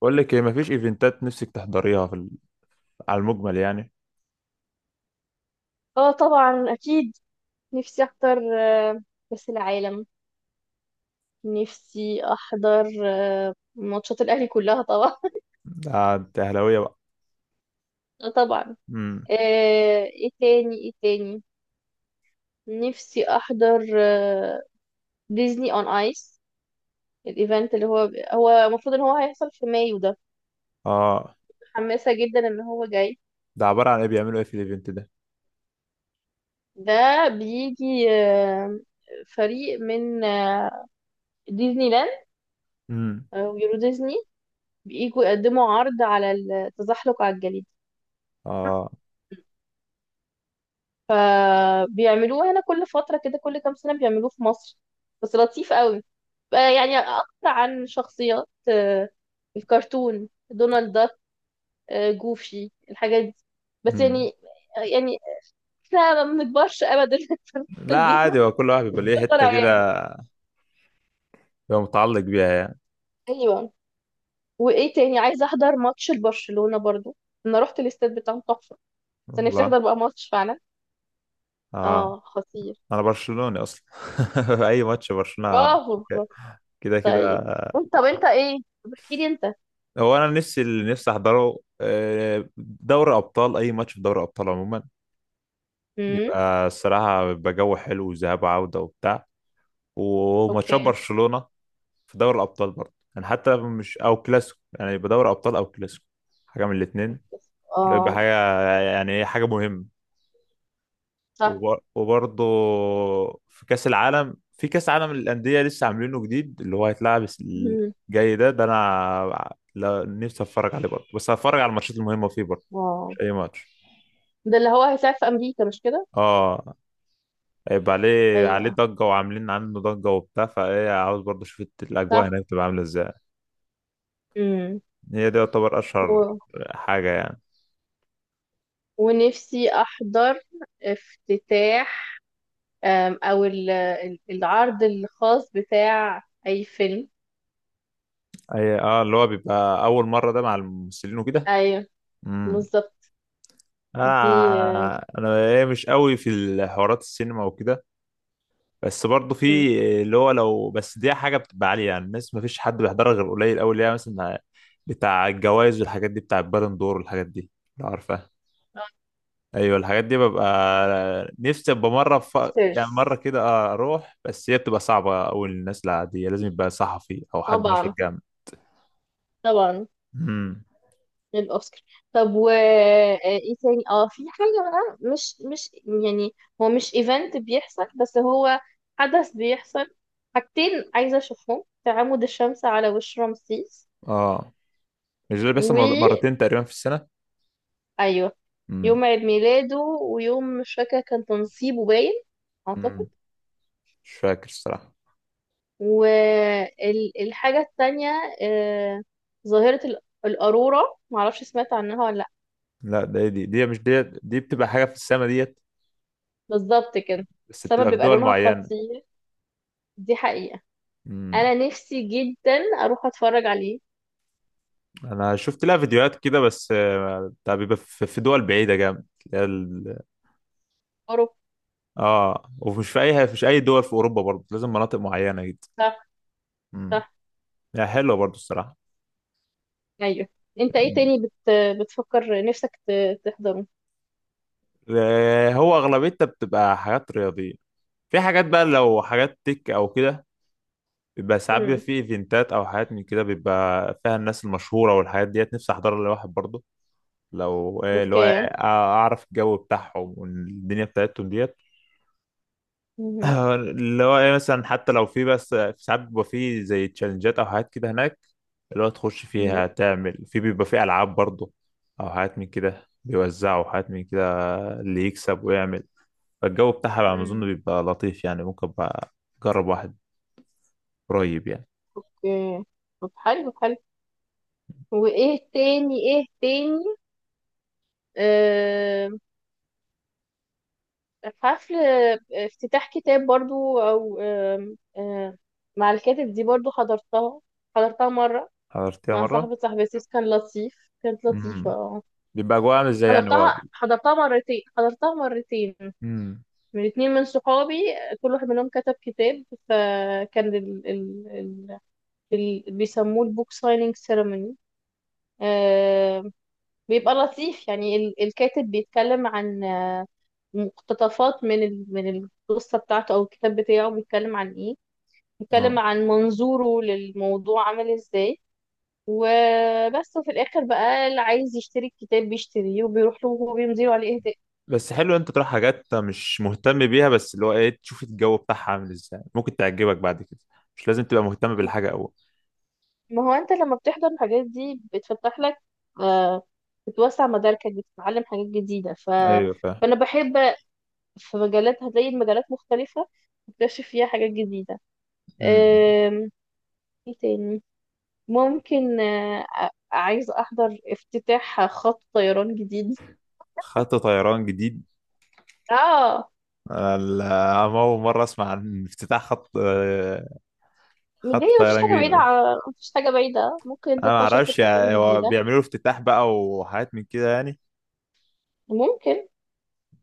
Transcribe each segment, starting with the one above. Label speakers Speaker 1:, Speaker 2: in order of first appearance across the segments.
Speaker 1: بقول لك ايه؟ مفيش ايفنتات نفسك تحضريها في على المجمل يعني.
Speaker 2: اه طبعا اكيد. نفسي احضر كاس العالم. نفسي احضر ماتشات الاهلي كلها طبعا.
Speaker 1: ده انت اهلاويه بقى؟
Speaker 2: طبعا.
Speaker 1: امم.
Speaker 2: ايه تاني، ايه تاني؟ نفسي احضر ديزني اون ايس، الايفنت اللي هو المفروض ان هو هيحصل في مايو ده.
Speaker 1: اه.
Speaker 2: متحمسه جدا ان هو جاي.
Speaker 1: ده عباره عن ايه؟ بيعملوا ايه في الايفنت ده؟
Speaker 2: ده بيجي فريق من ديزني لاند
Speaker 1: امم.
Speaker 2: ويورو ديزني، بييجوا يقدموا عرض على التزحلق على الجليد.
Speaker 1: اه.
Speaker 2: بيعملوه هنا كل فترة كده، كل كام سنة بيعملوه في مصر. بس لطيف قوي، بقى يعني أكتر عن شخصيات الكرتون، دونالد داك جوفي، الحاجات دي. بس
Speaker 1: امم.
Speaker 2: يعني احنا ما بنكبرش ابدا الحتة
Speaker 1: لا،
Speaker 2: دي،
Speaker 1: عادي، هو كل واحد بيبقى ليه
Speaker 2: بنفضل
Speaker 1: حته كده،
Speaker 2: عيال.
Speaker 1: بيبقى متعلق بيها يعني.
Speaker 2: ايوه. وايه تاني؟ عايزه احضر ماتش لبرشلونه برضو. انا رحت الاستاد بتاعهم تحفه، بس أنا نفسي
Speaker 1: والله.
Speaker 2: احضر بقى ماتش فعلا.
Speaker 1: اه.
Speaker 2: اه، خطير.
Speaker 1: انا برشلوني اصلا اي ماتش برشلونه
Speaker 2: برافو برافو.
Speaker 1: كده كده.
Speaker 2: طيب. انت طب انت ايه طب احكي لي انت.
Speaker 1: هو انا نفسي اللي نفسي احضره دوري ابطال، اي ماتش في دوري ابطال عموما.
Speaker 2: امم.
Speaker 1: بيبقى الصراحه بيبقى جو حلو وذهاب وعوده وبتاع، وماتشات
Speaker 2: اوكي.
Speaker 1: برشلونه في دوري الابطال برضه، يعني حتى مش او كلاسيكو، يعني يبقى دوري ابطال او كلاسيكو، حاجه من الاثنين. يبقى
Speaker 2: اه.
Speaker 1: حاجه، يعني ايه، حاجه مهمه.
Speaker 2: صح.
Speaker 1: وبرضه في كاس العالم، في كاس عالم للانديه لسه عاملينه جديد اللي هو هيتلعب
Speaker 2: مم.
Speaker 1: الجاي ده انا نفسي اتفرج عليه برضه، بس هتفرج على الماتشات المهمه فيه برضه، مش
Speaker 2: اه.
Speaker 1: اي ماتش.
Speaker 2: ده اللي هو هيساعد في امريكا، مش كده؟
Speaker 1: اه. هيبقى عليه
Speaker 2: ايوه،
Speaker 1: ضجه، وعاملين عنه ضجه وبتاع، فايه عاوز برضه اشوف الاجواء
Speaker 2: صح.
Speaker 1: هناك تبقى عامله ازاي.
Speaker 2: مم.
Speaker 1: هي دي يعتبر اشهر
Speaker 2: و...
Speaker 1: حاجه يعني.
Speaker 2: ونفسي احضر افتتاح، او العرض الخاص بتاع اي فيلم.
Speaker 1: اي اه اللي هو بيبقى اول مره ده مع الممثلين وكده.
Speaker 2: ايوه،
Speaker 1: امم.
Speaker 2: بالظبط. دي
Speaker 1: انا
Speaker 2: آه،
Speaker 1: انا إيه مش قوي في الحوارات السينما وكده، بس برضه
Speaker 2: مم.
Speaker 1: في اللي هو، لو بس دي حاجه بتبقى عاليه يعني الناس ما فيش حد بيحضرها غير قليل قوي، اللي هي مثلا بتاع الجوائز والحاجات دي، بتاع البالون دور والحاجات دي، لو عارفها.
Speaker 2: آه،
Speaker 1: ايوه، الحاجات دي ببقى نفسي ابقى مره. يعني مره
Speaker 2: سيرس.
Speaker 1: كده اروح، بس هي بتبقى صعبه قوي للناس العاديه، لازم يبقى صحفي او حد مشهور
Speaker 2: طبعا
Speaker 1: جامد.
Speaker 2: طبعا.
Speaker 1: امم.
Speaker 2: للأوسكار. طب و ايه تاني؟ اه، في حاجة بقى مش يعني هو مش ايفنت بيحصل، بس هو حدث بيحصل. حاجتين عايزة اشوفهم: تعامد الشمس على وش رمسيس.
Speaker 1: اه. مش ده اللي بيحصل
Speaker 2: و
Speaker 1: مرتين تقريبا في السنه؟
Speaker 2: ايوه،
Speaker 1: امم.
Speaker 2: يوم عيد ميلاده ويوم مش فاكرة كان تنصيبه، باين اعتقد.
Speaker 1: امم. مش فاكر الصراحة.
Speaker 2: والحاجة التانية آه، ظاهرة الأرورا، معرفش سمعت عنها ولا لأ.
Speaker 1: لا، ده دي دي مش دي بتبقى حاجة في السما ديت،
Speaker 2: بالظبط كده.
Speaker 1: بس
Speaker 2: السما
Speaker 1: بتبقى في
Speaker 2: بيبقى
Speaker 1: دول
Speaker 2: لونها
Speaker 1: معينة.
Speaker 2: خطير، دي حقيقة.
Speaker 1: امم.
Speaker 2: انا نفسي جدا اروح اتفرج عليه.
Speaker 1: انا شفت لها فيديوهات كده، بس بتاع بيبقى في دول بعيدة جامد، اللي هي.
Speaker 2: اروح.
Speaker 1: اه، ومش في اي، مش اي دول في اوروبا برضه، لازم مناطق معينة جدا.
Speaker 2: صح،
Speaker 1: امم.
Speaker 2: صح.
Speaker 1: يعني حلوة برضه الصراحة.
Speaker 2: ايوه. انت ايه
Speaker 1: مم.
Speaker 2: تاني بتفكر نفسك تحضره.
Speaker 1: هو اغلبيتها بتبقى حاجات رياضية، في حاجات بقى لو حاجات تك او كده، بيبقى ساعات بيبقى
Speaker 2: امم.
Speaker 1: في ايفنتات او حاجات من كده بيبقى فيها الناس المشهورة والحاجات ديت، نفسي احضرها لواحد برضه، لو اللي هو
Speaker 2: اوكي.
Speaker 1: اعرف الجو بتاعهم والدنيا بتاعتهم ديت.
Speaker 2: مهم.
Speaker 1: اللي هو إيه، مثلا حتى لو في، بس في ساعات بيبقى في زي تشالنجات او حاجات كده هناك، اللي هو تخش
Speaker 2: مهم.
Speaker 1: فيها تعمل في، بيبقى في العاب برضه، او حاجات من كده بيوزعوا حاجات من كده اللي يكسب ويعمل، فالجو بتاعها بقى ما اظن
Speaker 2: مم.
Speaker 1: بيبقى لطيف يعني، ممكن بقى اجرب واحد قريب يعني.
Speaker 2: اوكي. طب، حلو حلو. وايه تاني؟ ايه تاني؟ آه... حفل افتتاح كتاب برضو، او مع الكاتب. دي برضو حضرتها، حضرتها مرة
Speaker 1: حضرتها
Speaker 2: مع
Speaker 1: مره.
Speaker 2: صاحبتي، كان لطيف، كانت لطيفة.
Speaker 1: امم.
Speaker 2: اه.
Speaker 1: بيبقى جوه عامل ازاي يعني هو؟
Speaker 2: حضرتها، حضرتها مرتين، حضرتها مرتين
Speaker 1: امم.
Speaker 2: من اتنين من صحابي، كل واحد منهم كتب كتاب. فكان ال بيسموه البوك سايننج سيرموني. آه. بيبقى لطيف يعني الكاتب بيتكلم عن مقتطفات من من القصة بتاعته أو الكتاب بتاعه، بيتكلم عن إيه، بيتكلم
Speaker 1: اه.
Speaker 2: عن منظوره للموضوع عامل إزاي. وبس. وفي الآخر بقى اللي عايز يشتري الكتاب بيشتريه وبيروح له وهو بيمضيله عليه إهداء.
Speaker 1: بس حلو انت تروح حاجات مش مهتم بيها، بس اللي هو ايه، تشوف الجو بتاعها عامل ازاي، ممكن تعجبك بعد كده، مش لازم تبقى مهتم بالحاجة أول.
Speaker 2: ما هو انت لما بتحضر الحاجات دي بتفتح لك، آه، بتوسع مداركك، بتتعلم حاجات جديدة،
Speaker 1: ايوه فاهم.
Speaker 2: فأنا بحب. في مجالات، هتلاقي المجالات مختلفة، تكتشف فيها حاجات جديدة.
Speaker 1: مم.
Speaker 2: آم، ايه تاني؟ ممكن عايز أحضر افتتاح خط طيران جديد.
Speaker 1: خط طيران جديد؟
Speaker 2: اه.
Speaker 1: انا اول مرة اسمع عن افتتاح خط آه،
Speaker 2: دي
Speaker 1: خط
Speaker 2: مفيش
Speaker 1: طيران
Speaker 2: حاجة
Speaker 1: جديد
Speaker 2: بعيدة،
Speaker 1: ده،
Speaker 2: ممكن
Speaker 1: انا ما
Speaker 2: تطلع شركة
Speaker 1: اعرفش، يعني
Speaker 2: طيران
Speaker 1: هو
Speaker 2: جديدة.
Speaker 1: بيعملوا افتتاح بقى وحاجات من كده يعني.
Speaker 2: ممكن.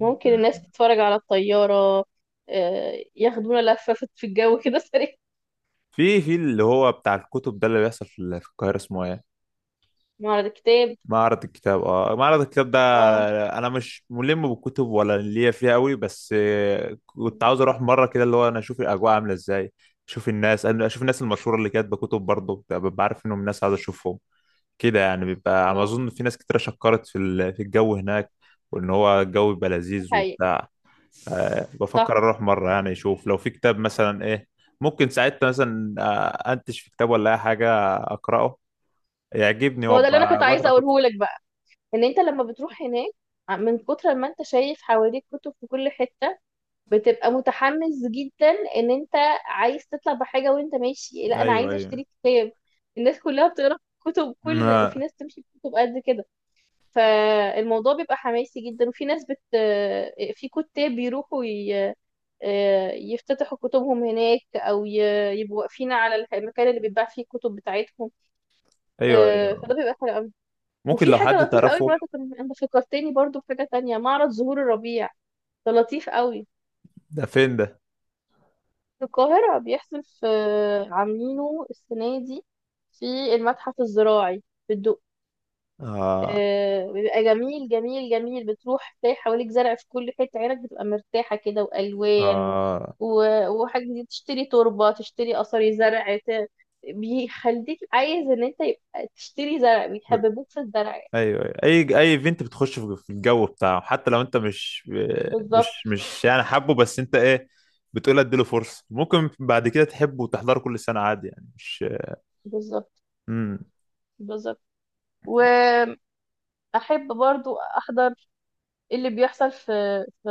Speaker 2: ممكن الناس
Speaker 1: مم.
Speaker 2: تتفرج على الطيارة، ياخدونا لفة في الجو كده سريع.
Speaker 1: في اللي هو بتاع الكتب ده اللي بيحصل في القاهرة اسمه ايه؟
Speaker 2: معرض الكتاب.
Speaker 1: معرض الكتاب. اه معرض الكتاب ده،
Speaker 2: اه،
Speaker 1: انا مش ملم بالكتب ولا ليا فيها قوي، بس كنت عاوز اروح مره كده، اللي هو انا اشوف الاجواء عامله ازاي، اشوف الناس انا اشوف الناس المشهوره اللي كاتبه كتب برضه، ببقى عارف انهم ناس عاوز اشوفهم كده يعني، بيبقى على ما
Speaker 2: اه.
Speaker 1: اظن في ناس كتير شكرت في الجو هناك، وان هو الجو بيبقى
Speaker 2: دي
Speaker 1: لذيذ
Speaker 2: حقيقة.
Speaker 1: وبتاع.
Speaker 2: صح.
Speaker 1: بفكر اروح مره يعني، اشوف لو في كتاب مثلا ايه، ممكن ساعتها مثلا انتش في كتاب ولا اي حاجه اقراه يعجبني
Speaker 2: ما هو ده اللي انا كنت
Speaker 1: وابقى
Speaker 2: عايزه
Speaker 1: بقرا كتب.
Speaker 2: اقوله لك بقى، ان انت لما بتروح هناك، من كتر ما انت شايف حواليك كتب في كل حته، بتبقى متحمس جدا ان انت عايز تطلع بحاجه. وانت ماشي: لا، انا
Speaker 1: ايوه
Speaker 2: عايزه
Speaker 1: ايوه.
Speaker 2: اشتري كتاب، الناس كلها بتقرا كتب، كل وفي
Speaker 1: آه.
Speaker 2: ناس تمشي بكتب قد كده. فالموضوع بيبقى حماسي جدا. وفي ناس في كتاب بيروحوا يفتتحوا كتبهم هناك، او يبقوا واقفين على المكان اللي بيتباع فيه الكتب بتاعتهم.
Speaker 1: ايوه ايوه.
Speaker 2: فده بيبقى حلو قوي.
Speaker 1: ممكن
Speaker 2: وفي
Speaker 1: لو
Speaker 2: حاجه
Speaker 1: حد
Speaker 2: لطيفه قوي
Speaker 1: تعرفه.
Speaker 2: برضه، انت فكرتني برضه بحاجه تانية: معرض زهور الربيع، ده لطيف قوي.
Speaker 1: ده فين ده؟
Speaker 2: في القاهره، بيحصل في، عاملينه السنه دي في المتحف الزراعي في الدق.
Speaker 1: آه.
Speaker 2: بيبقى جميل جميل جميل. بتروح تلاقي حواليك زرع في كل حتة، عينك بتبقى مرتاحة كده، وألوان و...
Speaker 1: آه.
Speaker 2: و- وحاجة جديدة، تشتري تربة، تشتري قصري زرع، بيخليك عايز ان انت يبقى تشتري زرع، بيحببوك في الزرع يعني.
Speaker 1: ايوه أيوة. اي ايفنت بتخش في الجو بتاعه، حتى لو انت مش مش
Speaker 2: بالظبط.
Speaker 1: مش يعني حابه، بس انت ايه بتقول؟ اديله فرصه، ممكن بعد كده تحبه وتحضره كل سنه عادي يعني، مش.
Speaker 2: بالظبط.
Speaker 1: امم.
Speaker 2: بالظبط. وأحب برضو أحضر اللي بيحصل في في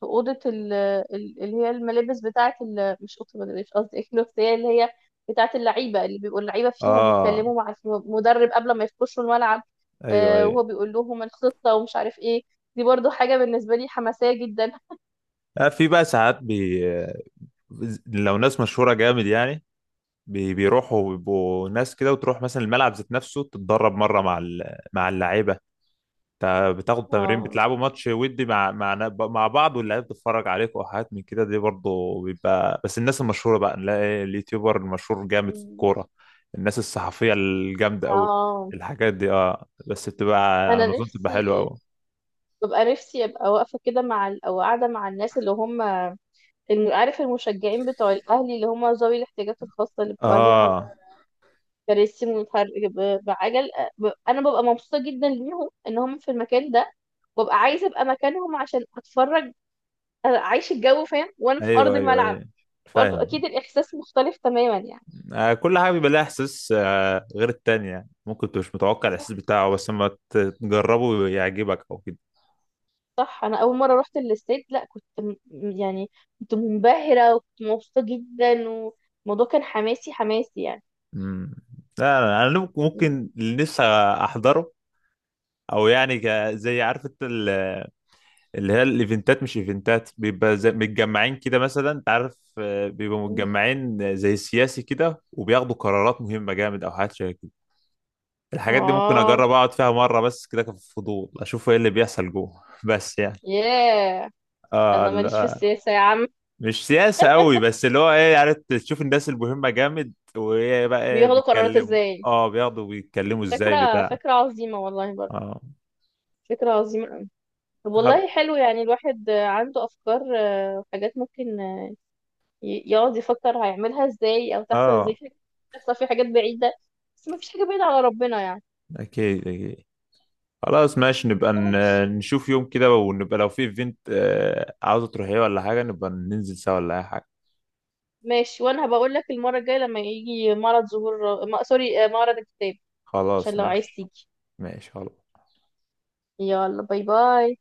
Speaker 2: في اوضه اللي هي الملابس بتاعه، مش اوضه الملابس، قصدي الكلوت، هي اللي هي بتاعه اللعيبه، اللي بيبقوا اللعيبه فيها
Speaker 1: اه.
Speaker 2: بيتكلموا مع المدرب قبل ما يخشوا الملعب.
Speaker 1: ايوه ايوه.
Speaker 2: وهو بيقول لهم الخطه ومش عارف ايه. دي برضو حاجه بالنسبه لي حماسيه جدا.
Speaker 1: في بقى ساعات لو ناس مشهوره جامد يعني بيروحوا بيبقوا ناس كده، وتروح مثلا الملعب ذات نفسه، تتدرب مره مع اللعيبه، بتاخدوا تمرين
Speaker 2: اه.
Speaker 1: بتلعبوا ماتش ودي مع بعض، واللعيبه بتتفرج عليكم وحاجات من كده دي برضه بيبقى، بس الناس المشهوره بقى نلاقي اليوتيوبر المشهور جامد في
Speaker 2: مم.
Speaker 1: الكوره، الناس الصحفيه الجامده قوي،
Speaker 2: اه.
Speaker 1: الحاجات دي، اه، بس بتبقى
Speaker 2: انا
Speaker 1: على اظن بتبقى
Speaker 2: نفسي
Speaker 1: حلوه قوي.
Speaker 2: ببقى نفسي ابقى واقفه كده مع او قاعده مع الناس اللي هم، عارف، المشجعين بتوع الاهلي اللي هم ذوي الاحتياجات الخاصه، اللي بيبقوا عايزين
Speaker 1: اه.
Speaker 2: كراسي متحرك بعجل. انا ببقى مبسوطه جدا ليهم ان هم في المكان ده. ببقى عايزه ابقى مكانهم عشان اتفرج، اعيش الجو، فاهم، وانا في ارض
Speaker 1: ايوه ايوه
Speaker 2: الملعب.
Speaker 1: ايوه
Speaker 2: برضه
Speaker 1: فاهم.
Speaker 2: اكيد الاحساس مختلف تماما يعني.
Speaker 1: آه كل حاجه بيبقى لها احساس غير التانية، ممكن تبقى مش متوقع
Speaker 2: صح،
Speaker 1: الاحساس بتاعه، بس لما تجربه يعجبك او كده.
Speaker 2: صح. انا اول مره رحت الاستاد لا كنت يعني كنت منبهره وكنت مبسوطه جدا. والموضوع كان حماسي حماسي يعني.
Speaker 1: امم. لا، انا ممكن
Speaker 2: م-
Speaker 1: ممكن اللي نفسي احضره، او يعني زي عارف انت اللي هي الايفنتات، مش ايفنتات بيبقى زي متجمعين كده، مثلا انت عارف بيبقوا
Speaker 2: م.
Speaker 1: متجمعين زي السياسي كده وبياخدوا قرارات مهمه جامد او حاجات شبه كده، الحاجات دي ممكن
Speaker 2: اه.
Speaker 1: اجرب اقعد فيها مره بس كده كفضول، اشوف ايه اللي بيحصل جوه بس يعني.
Speaker 2: ياه.
Speaker 1: اه
Speaker 2: انا ماليش في
Speaker 1: لا.
Speaker 2: السياسه يا عم.
Speaker 1: مش سياسه قوي، بس اللي هو ايه، عارف، تشوف الناس المهمه جامد، وايه بقى، ايه
Speaker 2: بياخدوا قرارات
Speaker 1: بيتكلموا.
Speaker 2: ازاي.
Speaker 1: اه، بياخدوا، بيتكلموا ازاي
Speaker 2: فكره،
Speaker 1: بتاع.
Speaker 2: عظيمه والله برضه.
Speaker 1: اه.
Speaker 2: فكره عظيمه. طب
Speaker 1: خل-
Speaker 2: والله حلو يعني. الواحد عنده افكار وحاجات ممكن، يقعد يفكر هيعملها ازاي، او تحصل ازاي.
Speaker 1: اه
Speaker 2: في حاجات تحصل، في حاجات بعيده، بس ما فيش حاجه بعيده على ربنا يعني.
Speaker 1: اكيد اكيد. خلاص ماشي، نبقى
Speaker 2: ماشي.
Speaker 1: نشوف يوم كده، ونبقى لو في ايفنت عاوزة تروحيه ولا حاجة نبقى ننزل سوا ولا أي حاجة.
Speaker 2: ماشي، وانا هبقول لك المره الجايه لما يجي معرض ظهور ما... سوري، معرض الكتاب، عشان
Speaker 1: خلاص
Speaker 2: لو عايز
Speaker 1: ماشي.
Speaker 2: تيجي.
Speaker 1: ماشي خلاص.
Speaker 2: يلا، باي باي.